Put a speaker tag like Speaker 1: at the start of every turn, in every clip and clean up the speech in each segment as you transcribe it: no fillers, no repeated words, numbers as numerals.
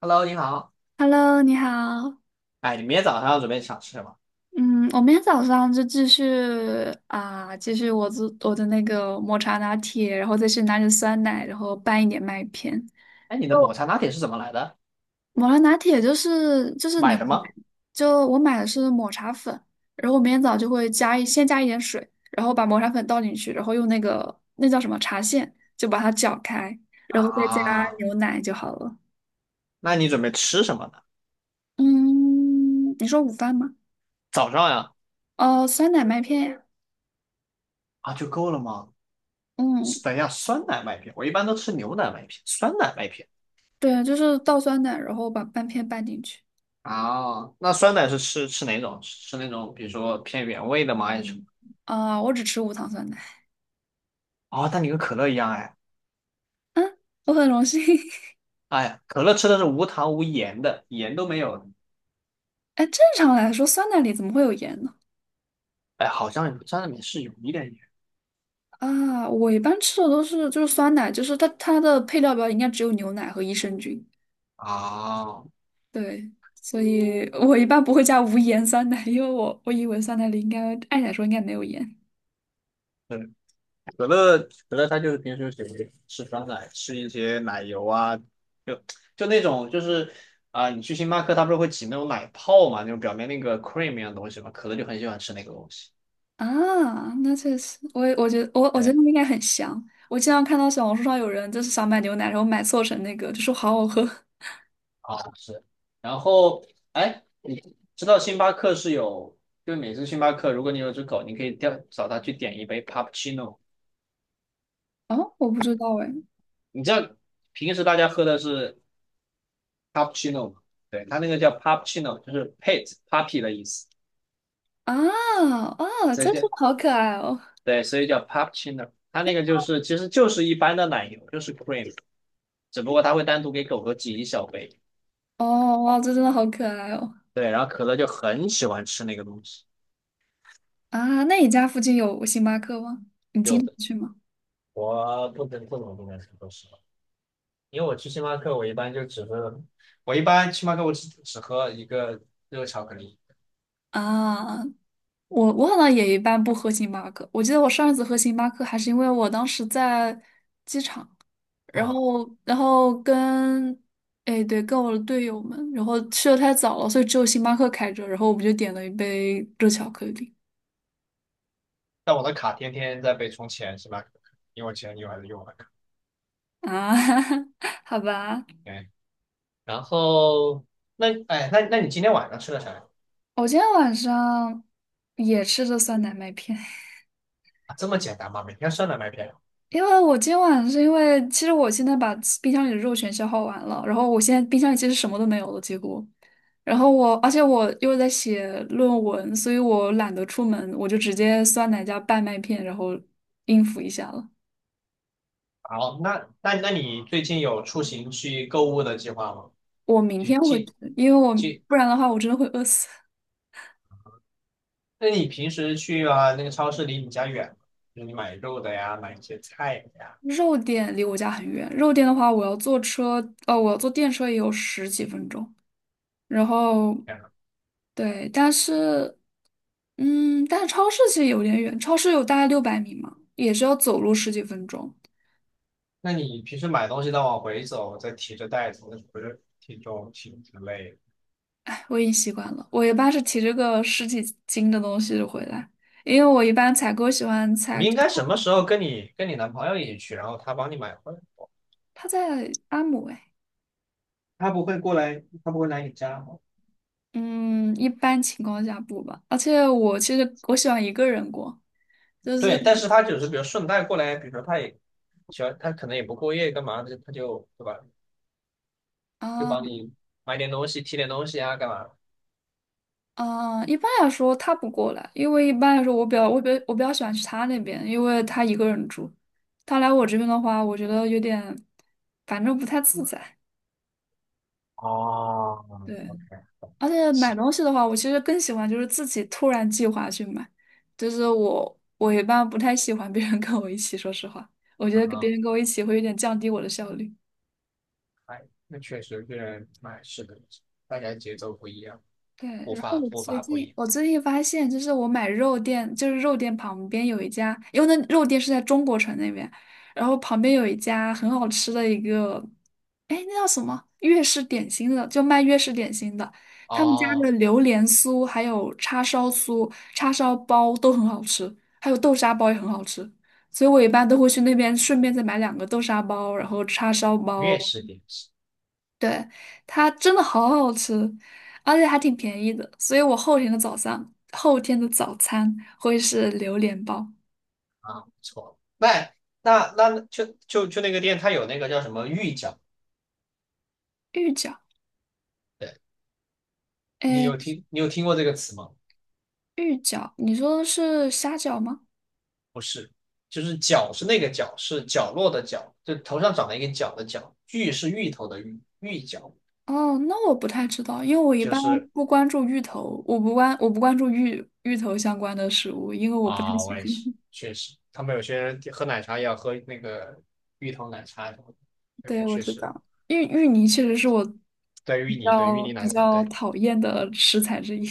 Speaker 1: Hello，你好。
Speaker 2: Hello，你好。
Speaker 1: 哎，你明天早上准备想吃什么？
Speaker 2: 嗯，我明天早上就继续我做我的那个抹茶拿铁，然后再去拿点酸奶，然后拌一点麦片。
Speaker 1: 哎，你的抹茶拿铁是怎么来的？
Speaker 2: 抹茶拿铁就是牛
Speaker 1: 买
Speaker 2: 奶，
Speaker 1: 的吗？
Speaker 2: 就我买的是抹茶粉，然后我明天早就会先加一点水，然后把抹茶粉倒进去，然后用那个叫什么茶线就把它搅开，然后再加
Speaker 1: 啊，
Speaker 2: 牛奶就好了。
Speaker 1: 那你准备吃什么呢？
Speaker 2: 嗯，你说午饭吗？
Speaker 1: 早上呀？
Speaker 2: 哦，酸奶麦片呀。
Speaker 1: 啊，就够了吗？
Speaker 2: 嗯。
Speaker 1: 等一下，酸奶麦片，我一般都吃牛奶麦片，酸奶麦片。
Speaker 2: 对，就是倒酸奶，然后把半片拌进去。
Speaker 1: 啊，那酸奶是吃哪种？吃那种比如说偏原味的吗？还是什么？
Speaker 2: 啊，我只吃无糖酸奶，
Speaker 1: 哦，那你跟可乐一样哎。
Speaker 2: 我很荣幸。
Speaker 1: 哎呀，可乐吃的是无糖无盐的，盐都没有的。
Speaker 2: 哎，正常来说，酸奶里怎么会有盐呢？
Speaker 1: 哎，好像沾奶里面是有一点盐。
Speaker 2: 啊，我一般吃的都是就是酸奶，就是它的配料表应该只有牛奶和益生菌。
Speaker 1: 啊，
Speaker 2: 对，所以我一般不会加无盐酸奶，因为我以为酸奶里应该按理来说应该没有盐
Speaker 1: 对，可乐可乐，它就是平时喜欢吃酸奶，吃一些奶油啊，就就那种，就是啊、你去星巴克，它不是会挤那种奶泡嘛，那种表面那个 cream 一样的东西嘛，可乐就很喜欢吃那个东西。
Speaker 2: 啊。那确实，我觉得我觉得
Speaker 1: 对，
Speaker 2: 那应该很香。我经常看到小红书上有人就是想买牛奶，然后买错成那个，就说好好喝。
Speaker 1: 啊，是。然后哎，你知道星巴克是有，就是每次星巴克，如果你有只狗，你可以叫找它去点一杯 cappuccino。
Speaker 2: 哦，我不知道哎。
Speaker 1: 你知道平时大家喝的是 cappuccino 吗？对，它那个叫 p u p c c i n o， 就是 pet puppy 的意思。
Speaker 2: 啊哦，
Speaker 1: 再
Speaker 2: 真是
Speaker 1: 见。
Speaker 2: 好可爱哦！
Speaker 1: 对，所以叫 p u p c h i n o， 它那个就是其实就是一般的奶油，就是 cream，只不过它会单独给狗狗挤一小杯。
Speaker 2: 哦哇，这真的好可爱哦！
Speaker 1: 对，然后可乐就很喜欢吃那个东西。
Speaker 2: 啊，那你家附近有星巴克吗？你经
Speaker 1: 有
Speaker 2: 常
Speaker 1: 的，
Speaker 2: 去吗？
Speaker 1: 我不能说实话，因为我去星巴克，我一般就只喝，我一般星巴克我只喝一个热巧克力。
Speaker 2: 啊，我好像也一般不喝星巴克。我记得我上一次喝星巴克还是因为我当时在，然
Speaker 1: 哇，
Speaker 2: 后然后跟，哎对，跟我的队友们，然后去的太早了，所以只有星巴克开着，然后我们就点了一杯热巧克力。
Speaker 1: 但我的卡天天在被充钱，星巴克，因为我前女友还是用我的卡。
Speaker 2: 啊，好吧，
Speaker 1: 对，然后那哎，那你今天晚上吃的啥呀？
Speaker 2: 我今天晚上也吃着酸奶麦片。
Speaker 1: 啊，这么简单吗？每天酸奶麦片。
Speaker 2: 因为我今晚是因为，其实我现在把冰箱里的肉全消耗完了，然后我现在冰箱里其实什么都没有了，几乎。然后我，而且我又在写论文，所以我懒得出门，我就直接酸奶加拌麦片，然后应付一下了。
Speaker 1: 好，那你最近有出行去购物的计划吗？
Speaker 2: 我明
Speaker 1: 去
Speaker 2: 天会吃
Speaker 1: 进
Speaker 2: 因为我
Speaker 1: 去？
Speaker 2: 不然的话，我真的会饿死。
Speaker 1: 那你平时去啊那个超市离你家远吗？就是你买肉的呀，买一些菜的呀，
Speaker 2: 肉店离我家很远，肉店的话，我要坐车，我要坐电车也有十几分钟。然后
Speaker 1: 这样。
Speaker 2: 对，但是嗯，但是超市其实有点远，超市有大概600米嘛，也是要走路十几分钟。
Speaker 1: 那你平时买东西再往回走，再提着袋子，那不是挺重挺累的？
Speaker 2: 哎，我已经习惯了，我一般是提着个十几斤的东西回来，因为我一般采购喜欢
Speaker 1: 你
Speaker 2: 采，
Speaker 1: 应该什么时候跟你跟你男朋友一起去，然后他帮你买回来？
Speaker 2: 他在阿姆哎，
Speaker 1: 他不会过来，他不会来你家吗？
Speaker 2: 嗯，一般情况下不吧，而且我其实喜欢一个人过，就是
Speaker 1: 对，但是他只是比如顺带过来，比如说他也喜欢，他可能也不过夜干嘛的，他就，对吧？就
Speaker 2: 啊
Speaker 1: 帮你买点东西、提点东西啊，干嘛？
Speaker 2: 啊，一般来说他不过来，因为一般来说我比较喜欢去他那边，因为他一个人住，他来我这边的话，我觉得有点，反正不太自在。
Speaker 1: 哦
Speaker 2: 对，
Speaker 1: ，OK，
Speaker 2: 而且买
Speaker 1: 行，
Speaker 2: 东西的话，我其实更喜欢就是自己突然计划去买，就是我一般不太喜欢别人跟我一起，说实话，我觉得跟
Speaker 1: 啊，
Speaker 2: 别人跟我一起会有点降低我的效率。
Speaker 1: 哎，那确实这人哎，是的，大家节奏不一样，
Speaker 2: 对，
Speaker 1: 步
Speaker 2: 然后
Speaker 1: 伐
Speaker 2: 我
Speaker 1: 步
Speaker 2: 最
Speaker 1: 伐不一
Speaker 2: 近
Speaker 1: 样。
Speaker 2: 我最近发现，就是我买肉店，就是肉店旁边有一家，因为那肉店是在中国城那边，然后旁边有一家很好吃的一个，哎，那叫什么粤式点心的，就卖粤式点心的，他们家的
Speaker 1: 哦，
Speaker 2: 榴莲酥还有叉烧酥、叉烧包都很好吃，还有豆沙包也很好吃，所以我一般都会去那边顺便再买两个豆沙包，然后叉烧
Speaker 1: 粤
Speaker 2: 包。
Speaker 1: 式点心
Speaker 2: 对，它真的好好吃，而且还挺便宜的，所以我后天的早上，后天的早餐会是榴莲包、
Speaker 1: 啊，不错。那那那就就就那个店，它有那个叫什么芋角？
Speaker 2: 芋饺。
Speaker 1: 对，你
Speaker 2: 哎，
Speaker 1: 有听你有听过这个词吗？
Speaker 2: 芋饺，你说的是虾饺吗？
Speaker 1: 不是，就是角是那个角，是角落的角，就头上长了一个角的角，芋是芋头的芋，芋角
Speaker 2: 哦，那我不太知道，因为我一
Speaker 1: 就
Speaker 2: 般
Speaker 1: 是
Speaker 2: 不关注芋头，我不关注芋头相关的食物，因为我不太
Speaker 1: 啊，
Speaker 2: 喜
Speaker 1: 我
Speaker 2: 欢。
Speaker 1: 也是，确实，他们有些人喝奶茶也要喝那个芋头奶茶什么的。哎，我
Speaker 2: 对，我
Speaker 1: 确
Speaker 2: 知
Speaker 1: 实，
Speaker 2: 道，芋泥确实是我
Speaker 1: 对
Speaker 2: 比
Speaker 1: 芋泥，对芋
Speaker 2: 较
Speaker 1: 泥
Speaker 2: 比
Speaker 1: 奶茶，
Speaker 2: 较
Speaker 1: 对，
Speaker 2: 讨厌的食材之一。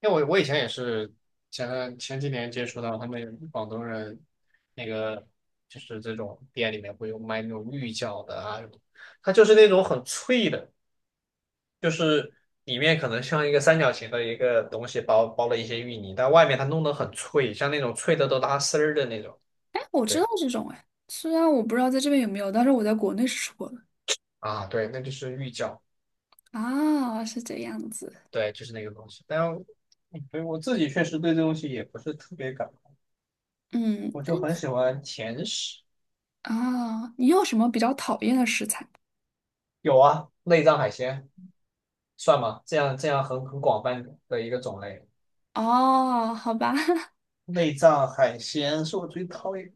Speaker 1: 因为我以前也是前几年接触到他们广东人，那个就是这种店里面会有卖那种芋饺的啊什么，它就是那种很脆的，就是里面可能像一个三角形的一个东西包了一些芋泥，但外面它弄得很脆，像那种脆的都拉丝儿的那种。
Speaker 2: 哎，我知道
Speaker 1: 对
Speaker 2: 这种哎，虽然我不知道在这边有没有，但是我在国内是吃过的。
Speaker 1: 啊，对，那就是芋饺。
Speaker 2: 啊，是这样子。
Speaker 1: 对，就是那个东西。但对我自己确实对这东西也不是特别感冒，
Speaker 2: 嗯，
Speaker 1: 我就很喜欢甜食。
Speaker 2: 啊，你有什么比较讨厌的食材？
Speaker 1: 有啊，内脏海鲜算吗？这样很广泛的一个种类。
Speaker 2: 哦，好吧，
Speaker 1: 内脏海鲜是我最讨厌，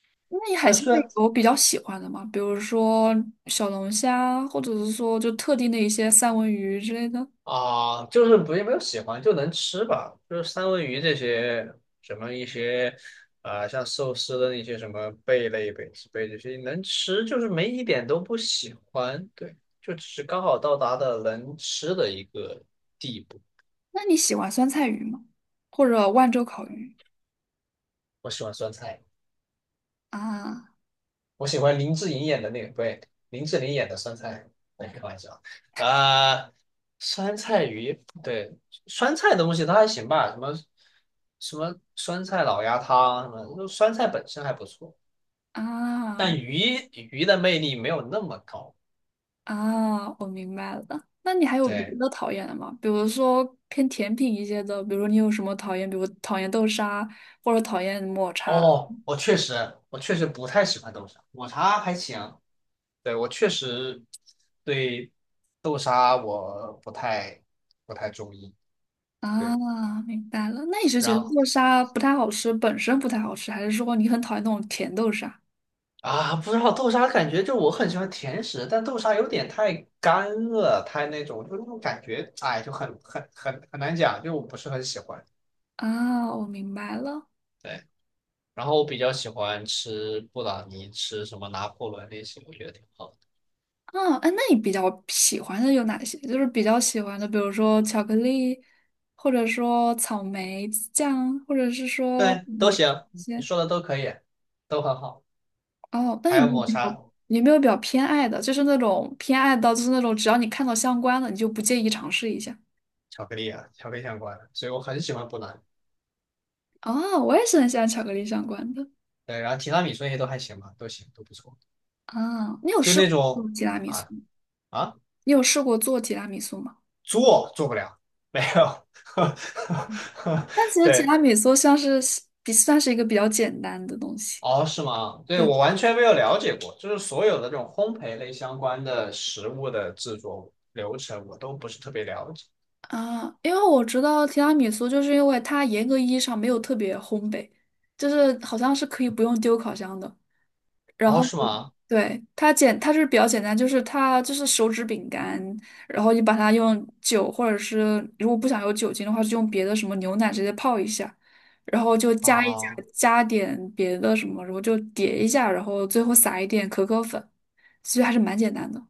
Speaker 2: 那你海
Speaker 1: 但
Speaker 2: 鲜
Speaker 1: 虽然
Speaker 2: 类有比较喜欢的吗？比如说小龙虾，或者是说就特定的一些三文鱼之类的。
Speaker 1: 啊，就是不，也没有喜欢，就能吃吧，就是三文鱼这些，什么一些，啊、像寿司的那些什么贝类、贝子贝这些能吃，就是没一点都不喜欢，对，就只是刚好到达的能吃的一个地步。
Speaker 2: 那你喜欢酸菜鱼吗？或者万州烤鱼？
Speaker 1: 我喜欢酸菜。
Speaker 2: 啊
Speaker 1: 我喜欢林志颖演的那个，不对，林志玲演的酸菜，哎，开玩笑，啊、酸菜鱼，对，酸菜的东西它还行吧，什么酸菜老鸭汤，什么就酸菜本身还不错，
Speaker 2: 啊，
Speaker 1: 但鱼的魅力没有那么高。
Speaker 2: 啊，我明白了。那你还有别
Speaker 1: 对，
Speaker 2: 的讨厌的吗？比如说偏甜品一些的，比如说你有什么讨厌，比如讨厌豆沙或者讨厌抹茶
Speaker 1: 哦，我确实，我确实不太喜欢豆沙，抹茶还行，对，我确实对豆沙我不太中意。对。
Speaker 2: 啊，明白了。那你是觉
Speaker 1: 然
Speaker 2: 得
Speaker 1: 后。
Speaker 2: 豆沙不太好吃，本身不太好吃，还是说你很讨厌那种甜豆沙
Speaker 1: 啊，不知道豆沙，感觉就我很喜欢甜食，但豆沙有点太干了，太那种，就那种感觉，哎，就很难讲，就我不是很喜欢。
Speaker 2: 啊？我明白了。
Speaker 1: 对，然后我比较喜欢吃布朗尼，吃什么拿破仑那些，我觉得挺好的。
Speaker 2: 啊，哎，那你比较喜欢的有哪些？就是比较喜欢的，比如说巧克力，或者说草莓酱，或者是说
Speaker 1: 对，都
Speaker 2: 抹
Speaker 1: 行，你
Speaker 2: 些。
Speaker 1: 说的都可以，都很好。
Speaker 2: 哦，那
Speaker 1: 还
Speaker 2: 有
Speaker 1: 有
Speaker 2: 没有
Speaker 1: 抹
Speaker 2: 比较
Speaker 1: 茶、
Speaker 2: 有没有比较偏爱的？就是那种偏爱到就是那种只要你看到相关的，你就不介意尝试一下。
Speaker 1: 巧克力啊，巧克力相关的，所以我很喜欢布朗尼。
Speaker 2: 哦，我也是很喜欢巧克力相关的。
Speaker 1: 对，然后提拉米苏那些都还行吧，都行，都不错。
Speaker 2: 啊，你有
Speaker 1: 就
Speaker 2: 试
Speaker 1: 那
Speaker 2: 过
Speaker 1: 种
Speaker 2: 做提拉米苏
Speaker 1: 啊
Speaker 2: 吗？
Speaker 1: 啊。
Speaker 2: 你有试过做提拉米苏吗？
Speaker 1: 做不了，没有。
Speaker 2: 但其 实提拉
Speaker 1: 对，
Speaker 2: 米苏像是比算是一个比较简单的东西。
Speaker 1: 哦，是吗？对，
Speaker 2: 对
Speaker 1: 我完全没有了解过，就是所有的这种烘焙类相关的食物的制作流程，我都不是特别了解。
Speaker 2: 啊，因为我知道提拉米苏，就是因为它严格意义上没有特别烘焙，就是好像是可以不用丢烤箱的。然
Speaker 1: 哦，
Speaker 2: 后
Speaker 1: 是吗？
Speaker 2: 它是比较简单，就是它就是手指饼干，然后你把它用酒或者是如果不想有酒精的话，就用别的什么牛奶直接泡一下，然后就加一加
Speaker 1: 哦，
Speaker 2: 加点别的什么，然后就叠一下，然后最后撒一点可可粉，其实还是蛮简单的。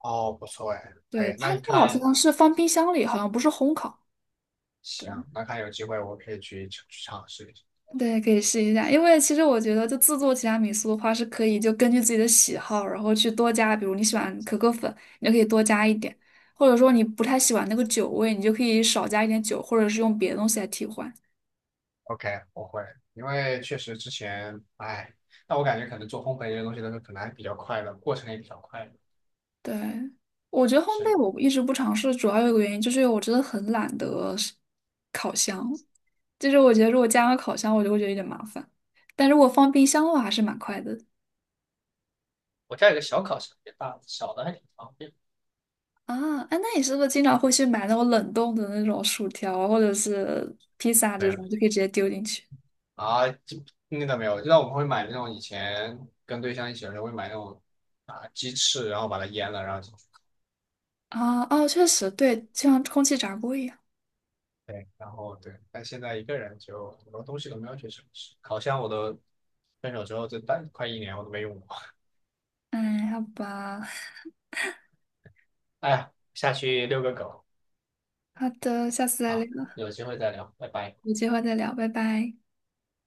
Speaker 1: 哦，不错哎，可
Speaker 2: 对，
Speaker 1: 以。那
Speaker 2: 它那
Speaker 1: 你
Speaker 2: 个好
Speaker 1: 看，
Speaker 2: 像是放冰箱里，好像不是烘烤。
Speaker 1: 行，那看有机会我可以去尝试一下。
Speaker 2: 对，可以试一下，因为其实我觉得，就自助提拉米苏的话，是可以就根据自己的喜好，然后去多加，比如你喜欢可可粉，你就可以多加一点；或者说你不太喜欢那个酒味，你就可以少加一点酒，或者是用别的东西来替换。
Speaker 1: OK，我会，因为确实之前，哎，那我感觉可能做烘焙这些东西的时候，可能还比较快的，过程也比较快的。
Speaker 2: 对，我觉得烘
Speaker 1: 是，
Speaker 2: 焙我一直不尝试，主要有一个原因就是因为我真的很懒得是烤箱，就是我觉得如果加个烤箱，我就会觉得有点麻烦，但如果放冰箱的话，还是蛮快的。
Speaker 1: 我家有个小烤箱，也大，小的还挺方便。
Speaker 2: 啊，哎，那你是不是经常会去买那种冷冻的那种薯条啊或者是披萨
Speaker 1: 没
Speaker 2: 这
Speaker 1: 有
Speaker 2: 种，就可以直接丢进去？
Speaker 1: 啊，这那倒没有。那我们会买那种以前跟对象一起的时候会买那种啊鸡翅，然后把它腌了，然后进去，
Speaker 2: 啊，哦，确实，对，就像空气炸锅一样。
Speaker 1: 对，然后对。但现在一个人就很多东西都没有去尝试，烤箱我都分手之后这大快一年我都没用过。
Speaker 2: 哎，好吧，
Speaker 1: 哎呀，下去遛个狗
Speaker 2: 好的，下次再聊，
Speaker 1: 啊，有机会再聊，拜拜。
Speaker 2: 有机会再聊，拜拜。